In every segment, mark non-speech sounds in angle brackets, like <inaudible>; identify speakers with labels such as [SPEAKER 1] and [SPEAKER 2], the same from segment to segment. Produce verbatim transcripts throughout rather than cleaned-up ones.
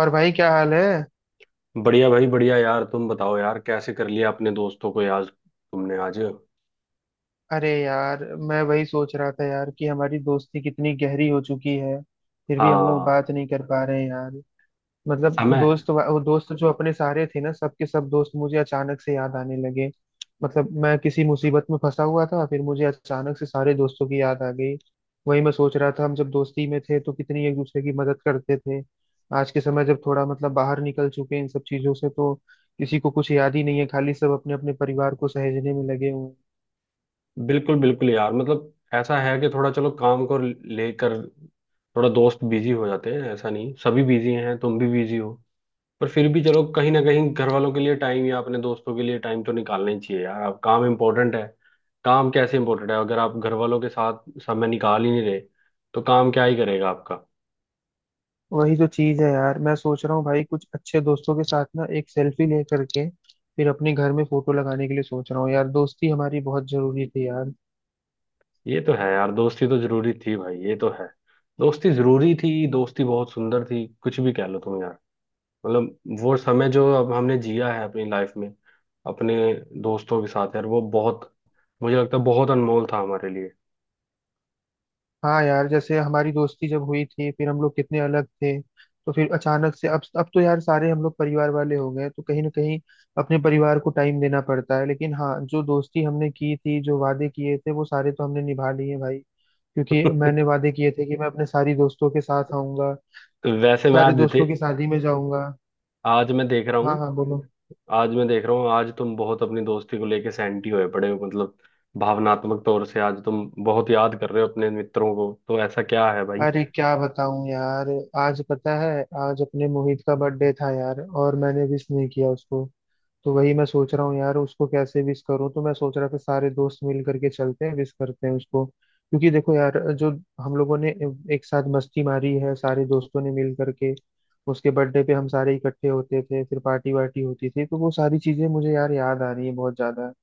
[SPEAKER 1] और भाई क्या हाल है।
[SPEAKER 2] बढ़िया भाई, बढ़िया यार। तुम बताओ यार, कैसे कर लिया अपने दोस्तों को यार तुमने आज।
[SPEAKER 1] अरे यार, मैं वही सोच रहा था यार कि हमारी दोस्ती कितनी गहरी हो चुकी है, फिर भी हम लोग बात
[SPEAKER 2] हाँ।
[SPEAKER 1] नहीं कर पा रहे हैं यार। मतलब
[SPEAKER 2] समय।
[SPEAKER 1] दोस्त वा- वो दोस्त जो अपने सारे थे ना, सबके सब दोस्त मुझे अचानक से याद आने लगे। मतलब मैं किसी मुसीबत में फंसा हुआ था, फिर मुझे अचानक से सारे दोस्तों की याद आ गई। वही मैं सोच रहा था, हम जब दोस्ती में थे तो कितनी एक दूसरे की मदद करते थे। आज के समय जब थोड़ा मतलब बाहर निकल चुके हैं इन सब चीजों से, तो किसी को कुछ याद ही नहीं है। खाली सब अपने अपने परिवार को सहेजने में लगे हुए हैं।
[SPEAKER 2] बिल्कुल बिल्कुल यार, मतलब ऐसा है कि थोड़ा चलो, काम को लेकर थोड़ा दोस्त बिजी हो जाते हैं। ऐसा नहीं सभी बिजी हैं, तुम भी बिजी हो। पर फिर भी चलो, कहीं ना कहीं घर वालों के लिए टाइम या अपने दोस्तों के लिए टाइम तो निकालना ही चाहिए यार। अब काम इम्पोर्टेंट है, काम कैसे इम्पोर्टेंट है अगर आप घर वालों के साथ समय निकाल ही नहीं रहे तो काम क्या ही करेगा आपका।
[SPEAKER 1] वही तो चीज है यार, मैं सोच रहा हूँ भाई, कुछ अच्छे दोस्तों के साथ ना एक सेल्फी ले करके फिर अपने घर में फोटो लगाने के लिए सोच रहा हूँ। यार दोस्ती हमारी बहुत जरूरी थी यार।
[SPEAKER 2] ये तो है यार, दोस्ती तो जरूरी थी भाई, ये तो है। दोस्ती जरूरी थी, दोस्ती बहुत सुंदर थी, कुछ भी कह लो तुम यार। मतलब वो समय जो अब हमने जिया है अपनी लाइफ में अपने दोस्तों के साथ यार, वो बहुत, मुझे लगता है बहुत अनमोल था हमारे लिए।
[SPEAKER 1] हाँ यार, जैसे हमारी दोस्ती जब हुई थी, फिर हम लोग कितने अलग थे। तो फिर अचानक से अब अब तो यार सारे हम लोग परिवार वाले हो गए, तो कहीं ना कहीं अपने परिवार को टाइम देना पड़ता है। लेकिन हाँ, जो दोस्ती हमने की थी, जो वादे किए थे, वो सारे तो हमने निभा लिए भाई। क्योंकि मैंने
[SPEAKER 2] <laughs>
[SPEAKER 1] वादे किए थे कि मैं अपने सारी दोस्तों के साथ आऊंगा,
[SPEAKER 2] तो वैसे मैं
[SPEAKER 1] सारे
[SPEAKER 2] आज दे,
[SPEAKER 1] दोस्तों की शादी में जाऊंगा।
[SPEAKER 2] आज मैं देख रहा
[SPEAKER 1] हाँ
[SPEAKER 2] हूँ।
[SPEAKER 1] हाँ बोलो।
[SPEAKER 2] आज मैं देख रहा हूँ, आज तुम बहुत अपनी दोस्ती को लेके सैंटी होए पड़े हो, मतलब भावनात्मक तौर से आज तुम बहुत याद कर रहे हो अपने मित्रों को। तो ऐसा क्या है भाई।
[SPEAKER 1] अरे क्या बताऊं यार, आज पता है, आज अपने मोहित का बर्थडे था यार, और मैंने विश नहीं किया उसको। तो वही मैं सोच रहा हूँ यार, उसको कैसे विश करूँ। तो मैं सोच रहा था सारे दोस्त मिल करके चलते हैं, विश करते हैं उसको। क्योंकि देखो यार, जो हम लोगों ने एक साथ मस्ती मारी है सारे दोस्तों ने मिल करके, उसके बर्थडे पे हम सारे इकट्ठे होते थे, फिर पार्टी वार्टी होती थी, तो वो सारी चीजें मुझे यार याद आ रही है बहुत ज्यादा।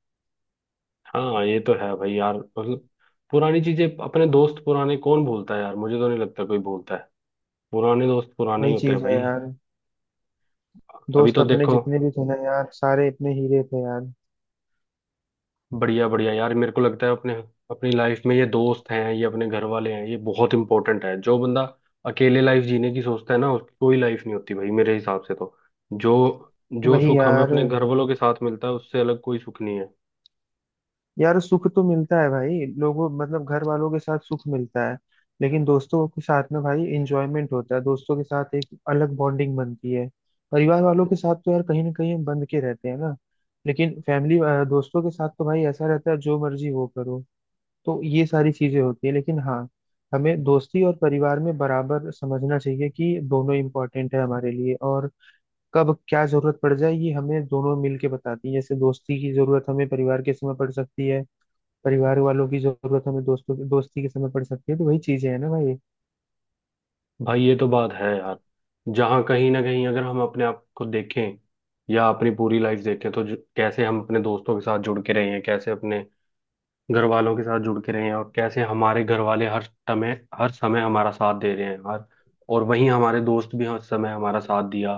[SPEAKER 2] हाँ ये तो है भाई यार, मतलब पुरानी चीजें, अपने दोस्त पुराने कौन भूलता है यार, मुझे तो नहीं लगता कोई भूलता है। पुराने दोस्त पुराने ही
[SPEAKER 1] वही
[SPEAKER 2] होते हैं
[SPEAKER 1] चीज है
[SPEAKER 2] भाई।
[SPEAKER 1] यार,
[SPEAKER 2] अभी
[SPEAKER 1] दोस्त
[SPEAKER 2] तो
[SPEAKER 1] अपने
[SPEAKER 2] देखो,
[SPEAKER 1] जितने भी थे ना यार, सारे अपने हीरे थे यार।
[SPEAKER 2] बढ़िया बढ़िया यार। मेरे को लगता है अपने, अपनी लाइफ में ये दोस्त हैं, ये अपने घर वाले हैं, ये बहुत इंपॉर्टेंट है। जो बंदा अकेले लाइफ जीने की सोचता है ना, उसकी कोई लाइफ नहीं होती भाई मेरे हिसाब से तो। जो, जो
[SPEAKER 1] वही
[SPEAKER 2] सुख हमें
[SPEAKER 1] यार।
[SPEAKER 2] अपने घर वालों के साथ मिलता है उससे अलग कोई सुख नहीं है।
[SPEAKER 1] यार सुख तो मिलता है भाई लोगों, मतलब घर वालों के साथ सुख मिलता है, लेकिन दोस्तों के साथ में भाई एंजॉयमेंट होता है। दोस्तों के साथ एक अलग बॉन्डिंग बनती है। परिवार वालों के साथ तो यार कहीं ना कहीं हम बंध के रहते हैं ना, लेकिन फैमिली, दोस्तों के साथ तो भाई ऐसा रहता है, जो मर्जी वो करो। तो ये सारी चीजें होती है। लेकिन हाँ, हमें दोस्ती और परिवार में बराबर समझना चाहिए कि दोनों इम्पोर्टेंट है हमारे लिए, और कब क्या जरूरत पड़ जाए ये हमें दोनों मिल के बताती है। जैसे दोस्ती की जरूरत हमें परिवार के समय पड़ सकती है, परिवार वालों की जरूरत हमें दोस्तों दोस्ती के समय पड़ सकती है। तो वही चीजें हैं ना भाई।
[SPEAKER 2] भाई ये तो बात है यार, जहाँ कहीं ना कहीं अगर हम अपने आप को देखें या अपनी पूरी लाइफ देखें तो जो, कैसे हम अपने दोस्तों के साथ जुड़ के रहे हैं, कैसे अपने घर वालों के साथ जुड़ के रहे हैं, और कैसे हमारे घर वाले हर समय, हर समय हमारा साथ दे रहे हैं, हर, और वहीं हमारे दोस्त भी हर समय हमारा साथ दिया।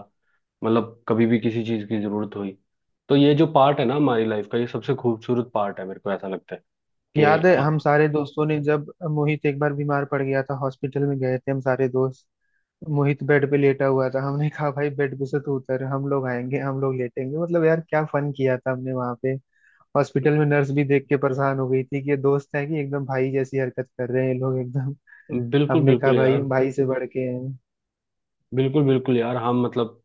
[SPEAKER 2] मतलब कभी भी किसी चीज़ की जरूरत हुई, तो ये जो पार्ट है ना हमारी लाइफ का, ये सबसे खूबसूरत पार्ट है मेरे को ऐसा लगता है कि।
[SPEAKER 1] याद है हम
[SPEAKER 2] आ,
[SPEAKER 1] सारे दोस्तों ने, जब मोहित एक बार बीमार पड़ गया था, हॉस्पिटल में गए थे हम सारे दोस्त। मोहित बेड पे लेटा हुआ था, हमने <laughs> कहा भाई, बेड पे से तू उतर, हम लोग आएंगे, हम लोग लेटेंगे। मतलब यार क्या फन किया था हमने वहां पे। हॉस्पिटल में नर्स भी देख के परेशान हो गई थी कि ये दोस्त है कि एकदम भाई जैसी हरकत कर रहे हैं ये लोग एकदम।
[SPEAKER 2] बिल्कुल
[SPEAKER 1] हमने कहा
[SPEAKER 2] बिल्कुल
[SPEAKER 1] भाई,
[SPEAKER 2] यार।
[SPEAKER 1] हम भाई से बढ़ के हैं।
[SPEAKER 2] बिल्कुल बिल्कुल यार, हम मतलब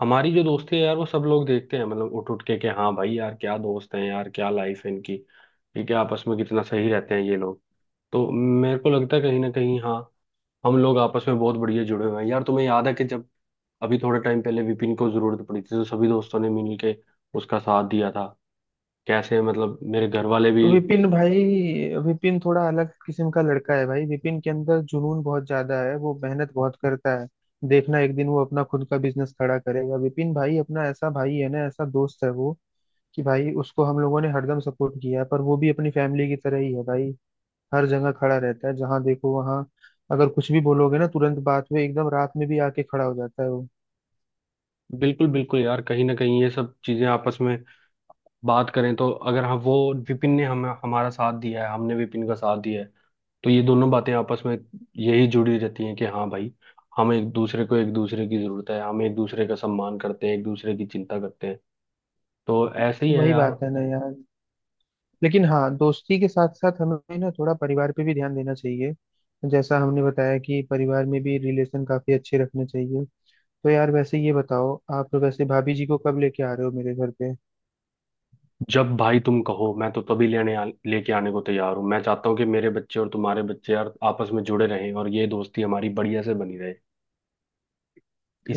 [SPEAKER 2] हमारी जो दोस्ती है यार, वो सब लोग देखते हैं, मतलब उठ उठ के कि हाँ भाई यार, क्या दोस्त हैं यार, क्या लाइफ है इनकी, ठीक है आपस में कितना सही रहते हैं ये लोग। तो मेरे को लगता है कहीं ना कहीं हाँ, हम लोग आपस में बहुत बढ़िया जुड़े हुए हैं यार। तुम्हें याद है कि जब अभी थोड़े टाइम पहले विपिन को जरूरत पड़ी थी, तो सभी दोस्तों ने मिल के उसका साथ दिया था। कैसे मतलब मेरे घर वाले भी।
[SPEAKER 1] विपिन भाई, विपिन थोड़ा अलग किस्म का लड़का है भाई। विपिन के अंदर जुनून बहुत ज्यादा है, वो मेहनत बहुत करता है। देखना एक दिन वो अपना खुद का बिजनेस खड़ा करेगा। विपिन भाई अपना ऐसा भाई है ना, ऐसा दोस्त है वो, कि भाई उसको हम लोगों ने हरदम सपोर्ट किया है, पर वो भी अपनी फैमिली की तरह ही है भाई। हर जगह खड़ा रहता है, जहाँ देखो वहाँ। अगर कुछ भी बोलोगे ना, तुरंत बात में एकदम रात में भी आके खड़ा हो जाता है वो।
[SPEAKER 2] बिल्कुल बिल्कुल यार, कहीं ना कहीं ये सब चीजें आपस में बात करें तो अगर हम वो, विपिन ने हमें हमारा साथ दिया है, हमने विपिन का साथ दिया है, तो ये दोनों बातें आपस में यही जुड़ी रहती हैं कि हाँ भाई, हम एक दूसरे को, एक दूसरे की जरूरत है, हम एक दूसरे का सम्मान करते हैं, एक दूसरे की चिंता करते हैं। तो ऐसे ही है
[SPEAKER 1] वही
[SPEAKER 2] यार।
[SPEAKER 1] बात है ना यार। लेकिन हाँ, दोस्ती के साथ साथ हमें ना थोड़ा परिवार पे भी ध्यान देना चाहिए। जैसा हमने बताया कि परिवार में भी रिलेशन काफी अच्छे रखने चाहिए। तो यार वैसे ये बताओ, आप वैसे भाभी जी को कब लेके आ रहे हो मेरे घर पे।
[SPEAKER 2] जब भाई तुम कहो, मैं तो तभी लेने आ, लेके आने को तैयार हूँ। मैं चाहता हूँ कि मेरे बच्चे और तुम्हारे बच्चे यार आपस में जुड़े रहें, और ये दोस्ती हमारी बढ़िया से बनी रहे,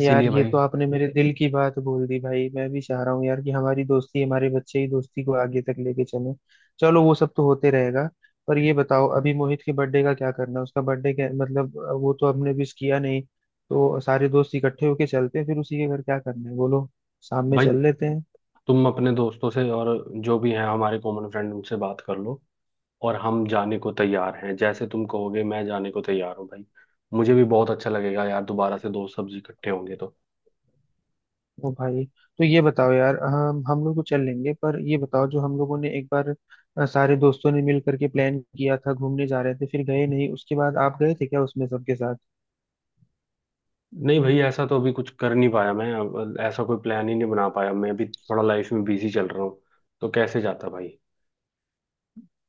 [SPEAKER 1] यार ये
[SPEAKER 2] भाई।
[SPEAKER 1] तो आपने मेरे दिल की बात बोल दी भाई, मैं भी चाह रहा हूँ यार कि हमारी दोस्ती हमारे बच्चे ही दोस्ती को आगे तक लेके चले। चलो वो सब तो होते रहेगा। पर ये बताओ, अभी मोहित के बर्थडे का क्या करना है। उसका बर्थडे क्या मतलब अ, वो तो हमने विश किया नहीं। तो सारे दोस्त इकट्ठे होके चलते हैं फिर उसी के घर, क्या करना है बोलो। शाम में
[SPEAKER 2] भाई,
[SPEAKER 1] चल लेते हैं।
[SPEAKER 2] तुम अपने दोस्तों से और जो भी हैं हमारे कॉमन फ्रेंड, उनसे बात कर लो, और हम जाने को तैयार हैं। जैसे तुम कहोगे, मैं जाने को तैयार हूँ भाई। मुझे भी बहुत अच्छा लगेगा यार, दोबारा से दोस्त सब्जी इकट्ठे होंगे तो।
[SPEAKER 1] ओ भाई, तो ये बताओ यार, हम हम लोग तो चल लेंगे, पर ये बताओ, जो हम लोगों ने एक बार अ, सारे दोस्तों ने मिल करके प्लान किया था घूमने जा रहे थे फिर गए नहीं, उसके बाद आप गए थे क्या उसमें सबके साथ।
[SPEAKER 2] नहीं भाई, ऐसा तो अभी कुछ कर नहीं पाया मैं, अब ऐसा कोई प्लान ही नहीं बना पाया मैं, अभी थोड़ा लाइफ में बिजी चल रहा हूँ तो कैसे जाता भाई।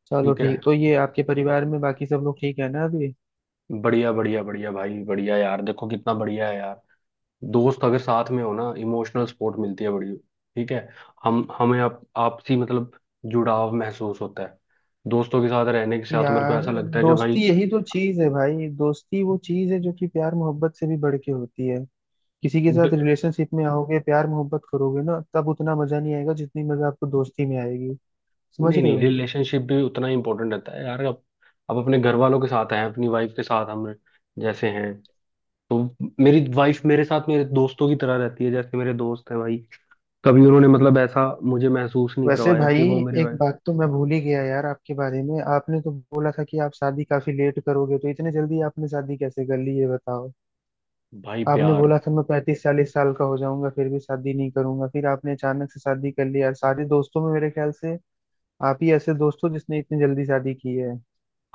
[SPEAKER 1] चलो
[SPEAKER 2] ठीक है।
[SPEAKER 1] ठीक, तो ये आपके परिवार में बाकी सब लोग ठीक है ना अभी।
[SPEAKER 2] बढ़िया बढ़िया बढ़िया भाई, बढ़िया यार। देखो कितना बढ़िया है यार, दोस्त अगर साथ में हो ना, इमोशनल सपोर्ट मिलती है बड़ी। ठीक है। हम, हमें आप, आपसी मतलब जुड़ाव महसूस होता है दोस्तों के साथ रहने के साथ, मेरे को
[SPEAKER 1] यार
[SPEAKER 2] ऐसा लगता है कि
[SPEAKER 1] दोस्ती यही तो चीज है भाई। दोस्ती वो चीज है जो कि प्यार मोहब्बत से भी बढ़ के होती है। किसी के साथ
[SPEAKER 2] भाई।
[SPEAKER 1] रिलेशनशिप में आओगे, प्यार मोहब्बत करोगे ना, तब उतना मजा नहीं आएगा जितनी मजा आपको दोस्ती में आएगी। समझ
[SPEAKER 2] नहीं
[SPEAKER 1] रहे
[SPEAKER 2] नहीं,
[SPEAKER 1] हो।
[SPEAKER 2] रिलेशनशिप भी उतना ही इम्पोर्टेंट रहता है यार। अब अब अपने घर वालों के साथ हैं, अपनी वाइफ के साथ हम जैसे हैं, तो मेरी वाइफ मेरे साथ मेरे दोस्तों की तरह रहती है, जैसे मेरे दोस्त हैं भाई। कभी उन्होंने मतलब ऐसा मुझे महसूस नहीं
[SPEAKER 1] वैसे
[SPEAKER 2] करवाया कि
[SPEAKER 1] भाई,
[SPEAKER 2] वो मेरी
[SPEAKER 1] एक
[SPEAKER 2] वाइफ।
[SPEAKER 1] बात तो मैं भूल ही गया यार आपके बारे में। आपने तो बोला था कि आप शादी काफी लेट करोगे, तो इतने जल्दी आपने शादी कैसे कर ली ये बताओ।
[SPEAKER 2] भाई
[SPEAKER 1] आपने
[SPEAKER 2] प्यार।
[SPEAKER 1] बोला था मैं पैंतीस चालीस साल का हो जाऊंगा फिर भी शादी नहीं करूंगा, फिर आपने अचानक से शादी कर ली यार। सारे दोस्तों में मेरे ख्याल से आप ही ऐसे दोस्त हो जिसने इतनी जल्दी शादी की है।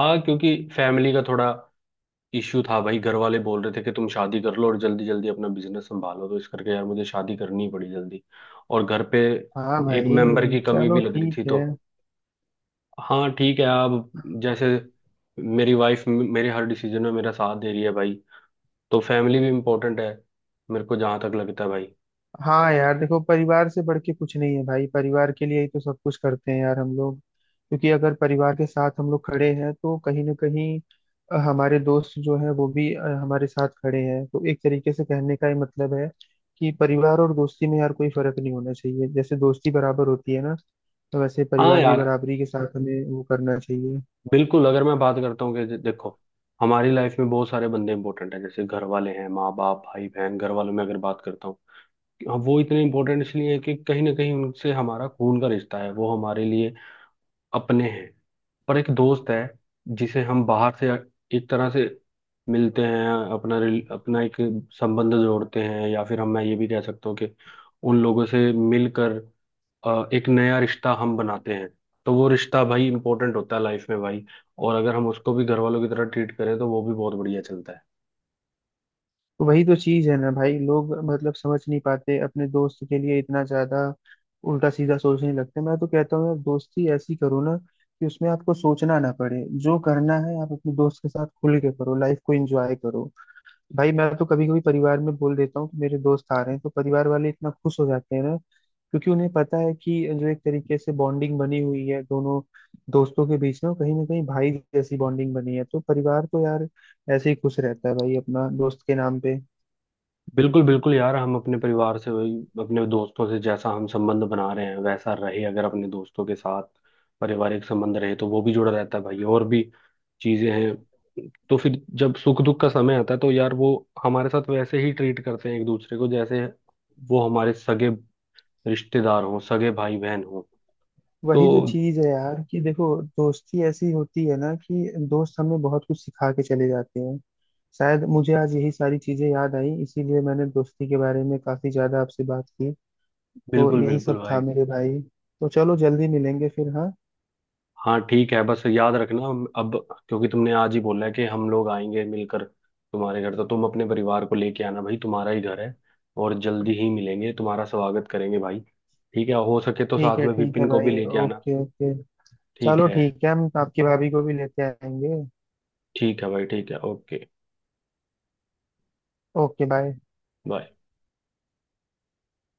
[SPEAKER 2] हाँ क्योंकि फैमिली का थोड़ा इश्यू था भाई, घर वाले बोल रहे थे कि तुम शादी कर लो और जल्दी जल्दी अपना बिजनेस संभालो, तो इस करके यार मुझे शादी करनी ही पड़ी जल्दी। और घर पे
[SPEAKER 1] हाँ
[SPEAKER 2] एक
[SPEAKER 1] भाई।
[SPEAKER 2] मेंबर की कमी भी
[SPEAKER 1] चलो
[SPEAKER 2] लग रही थी
[SPEAKER 1] ठीक
[SPEAKER 2] तो।
[SPEAKER 1] है।
[SPEAKER 2] हाँ ठीक है आप, जैसे मेरी वाइफ मेरे हर डिसीजन में मेरा साथ दे रही है भाई, तो फैमिली भी इम्पोर्टेंट है मेरे को जहाँ तक लगता है भाई।
[SPEAKER 1] हाँ यार देखो, परिवार से बढ़ के कुछ नहीं है भाई। परिवार के लिए ही तो सब कुछ करते हैं यार हम लोग, क्योंकि अगर परिवार के साथ हम लोग खड़े हैं तो कहीं ना कहीं अ, हमारे दोस्त जो है वो भी अ, हमारे साथ खड़े हैं। तो एक तरीके से कहने का ही मतलब है कि परिवार और दोस्ती में यार कोई फर्क नहीं होना चाहिए। जैसे दोस्ती बराबर होती है ना, तो वैसे
[SPEAKER 2] हाँ
[SPEAKER 1] परिवार भी
[SPEAKER 2] यार
[SPEAKER 1] बराबरी के साथ हमें वो करना चाहिए।
[SPEAKER 2] बिल्कुल। अगर मैं बात करता हूँ कि जे- देखो, हमारी लाइफ में बहुत सारे बंदे इंपॉर्टेंट हैं। जैसे घर वाले हैं, माँ बाप भाई बहन, घर वालों में अगर बात करता हूँ कि वो इतने इंपॉर्टेंट इसलिए है कि कहीं ना कहीं उनसे हमारा खून का रिश्ता है, वो हमारे लिए अपने हैं। पर एक दोस्त है जिसे हम बाहर से एक तरह से मिलते हैं, अपना रिल- अपना एक संबंध जोड़ते हैं, या फिर हम, मैं ये भी कह सकता हूँ कि उन लोगों से मिलकर अ, एक नया रिश्ता हम बनाते हैं। तो वो रिश्ता भाई इंपॉर्टेंट होता है लाइफ में भाई, और अगर हम उसको भी घर वालों की तरह ट्रीट करें तो वो भी बहुत बढ़िया चलता है।
[SPEAKER 1] तो वही तो चीज है ना भाई, लोग मतलब समझ नहीं पाते अपने दोस्त के लिए इतना ज्यादा उल्टा सीधा सोचने लगते। मैं तो कहता हूँ यार दोस्ती ऐसी करो ना कि उसमें आपको सोचना ना पड़े, जो करना है आप अपने दोस्त के साथ खुल के करो, लाइफ को एंजॉय करो। भाई मैं तो कभी कभी परिवार में बोल देता हूँ कि मेरे दोस्त आ रहे हैं, तो परिवार वाले इतना खुश हो जाते हैं ना, क्योंकि उन्हें पता है कि जो एक तरीके से बॉन्डिंग बनी हुई है दोनों दोस्तों के बीच में, वो कहीं ना कहीं भाई जैसी बॉन्डिंग बनी है। तो परिवार तो यार ऐसे ही खुश रहता है भाई अपना दोस्त के नाम पे।
[SPEAKER 2] बिल्कुल बिल्कुल यार, हम अपने परिवार से वही, अपने दोस्तों से जैसा हम संबंध बना रहे हैं वैसा रहे। अगर अपने दोस्तों के साथ पारिवारिक संबंध रहे तो वो भी जुड़ा रहता है भाई, और भी चीजें हैं। तो फिर जब सुख दुख का समय आता है तो यार वो हमारे साथ वैसे ही ट्रीट करते हैं एक दूसरे को, जैसे वो हमारे सगे रिश्तेदार हों, सगे भाई बहन हों
[SPEAKER 1] वही तो
[SPEAKER 2] तो।
[SPEAKER 1] चीज है यार, कि देखो दोस्ती ऐसी होती है ना कि दोस्त हमें बहुत कुछ सिखा के चले जाते हैं। शायद मुझे आज यही सारी चीजें याद आई, इसीलिए मैंने दोस्ती के बारे में काफी ज्यादा आपसे बात की। तो
[SPEAKER 2] बिल्कुल
[SPEAKER 1] यही
[SPEAKER 2] बिल्कुल
[SPEAKER 1] सब था
[SPEAKER 2] भाई।
[SPEAKER 1] मेरे भाई। तो चलो जल्दी मिलेंगे फिर, हाँ।
[SPEAKER 2] हाँ ठीक है, बस याद रखना, अब क्योंकि तुमने आज ही बोला है कि हम लोग आएंगे मिलकर तुम्हारे घर, तो तुम अपने परिवार को लेके आना भाई, तुम्हारा ही घर है। और जल्दी ही मिलेंगे, तुम्हारा स्वागत करेंगे भाई। ठीक है, हो सके तो
[SPEAKER 1] ठीक
[SPEAKER 2] साथ
[SPEAKER 1] है
[SPEAKER 2] में
[SPEAKER 1] ठीक है
[SPEAKER 2] विपिन को भी
[SPEAKER 1] भाई।
[SPEAKER 2] लेके आना।
[SPEAKER 1] Okay okay.
[SPEAKER 2] ठीक
[SPEAKER 1] चलो
[SPEAKER 2] है
[SPEAKER 1] ठीक है, हम आपकी भाभी को भी लेते आएंगे।
[SPEAKER 2] ठीक है भाई, ठीक है ओके।
[SPEAKER 1] Okay bye.
[SPEAKER 2] बाय।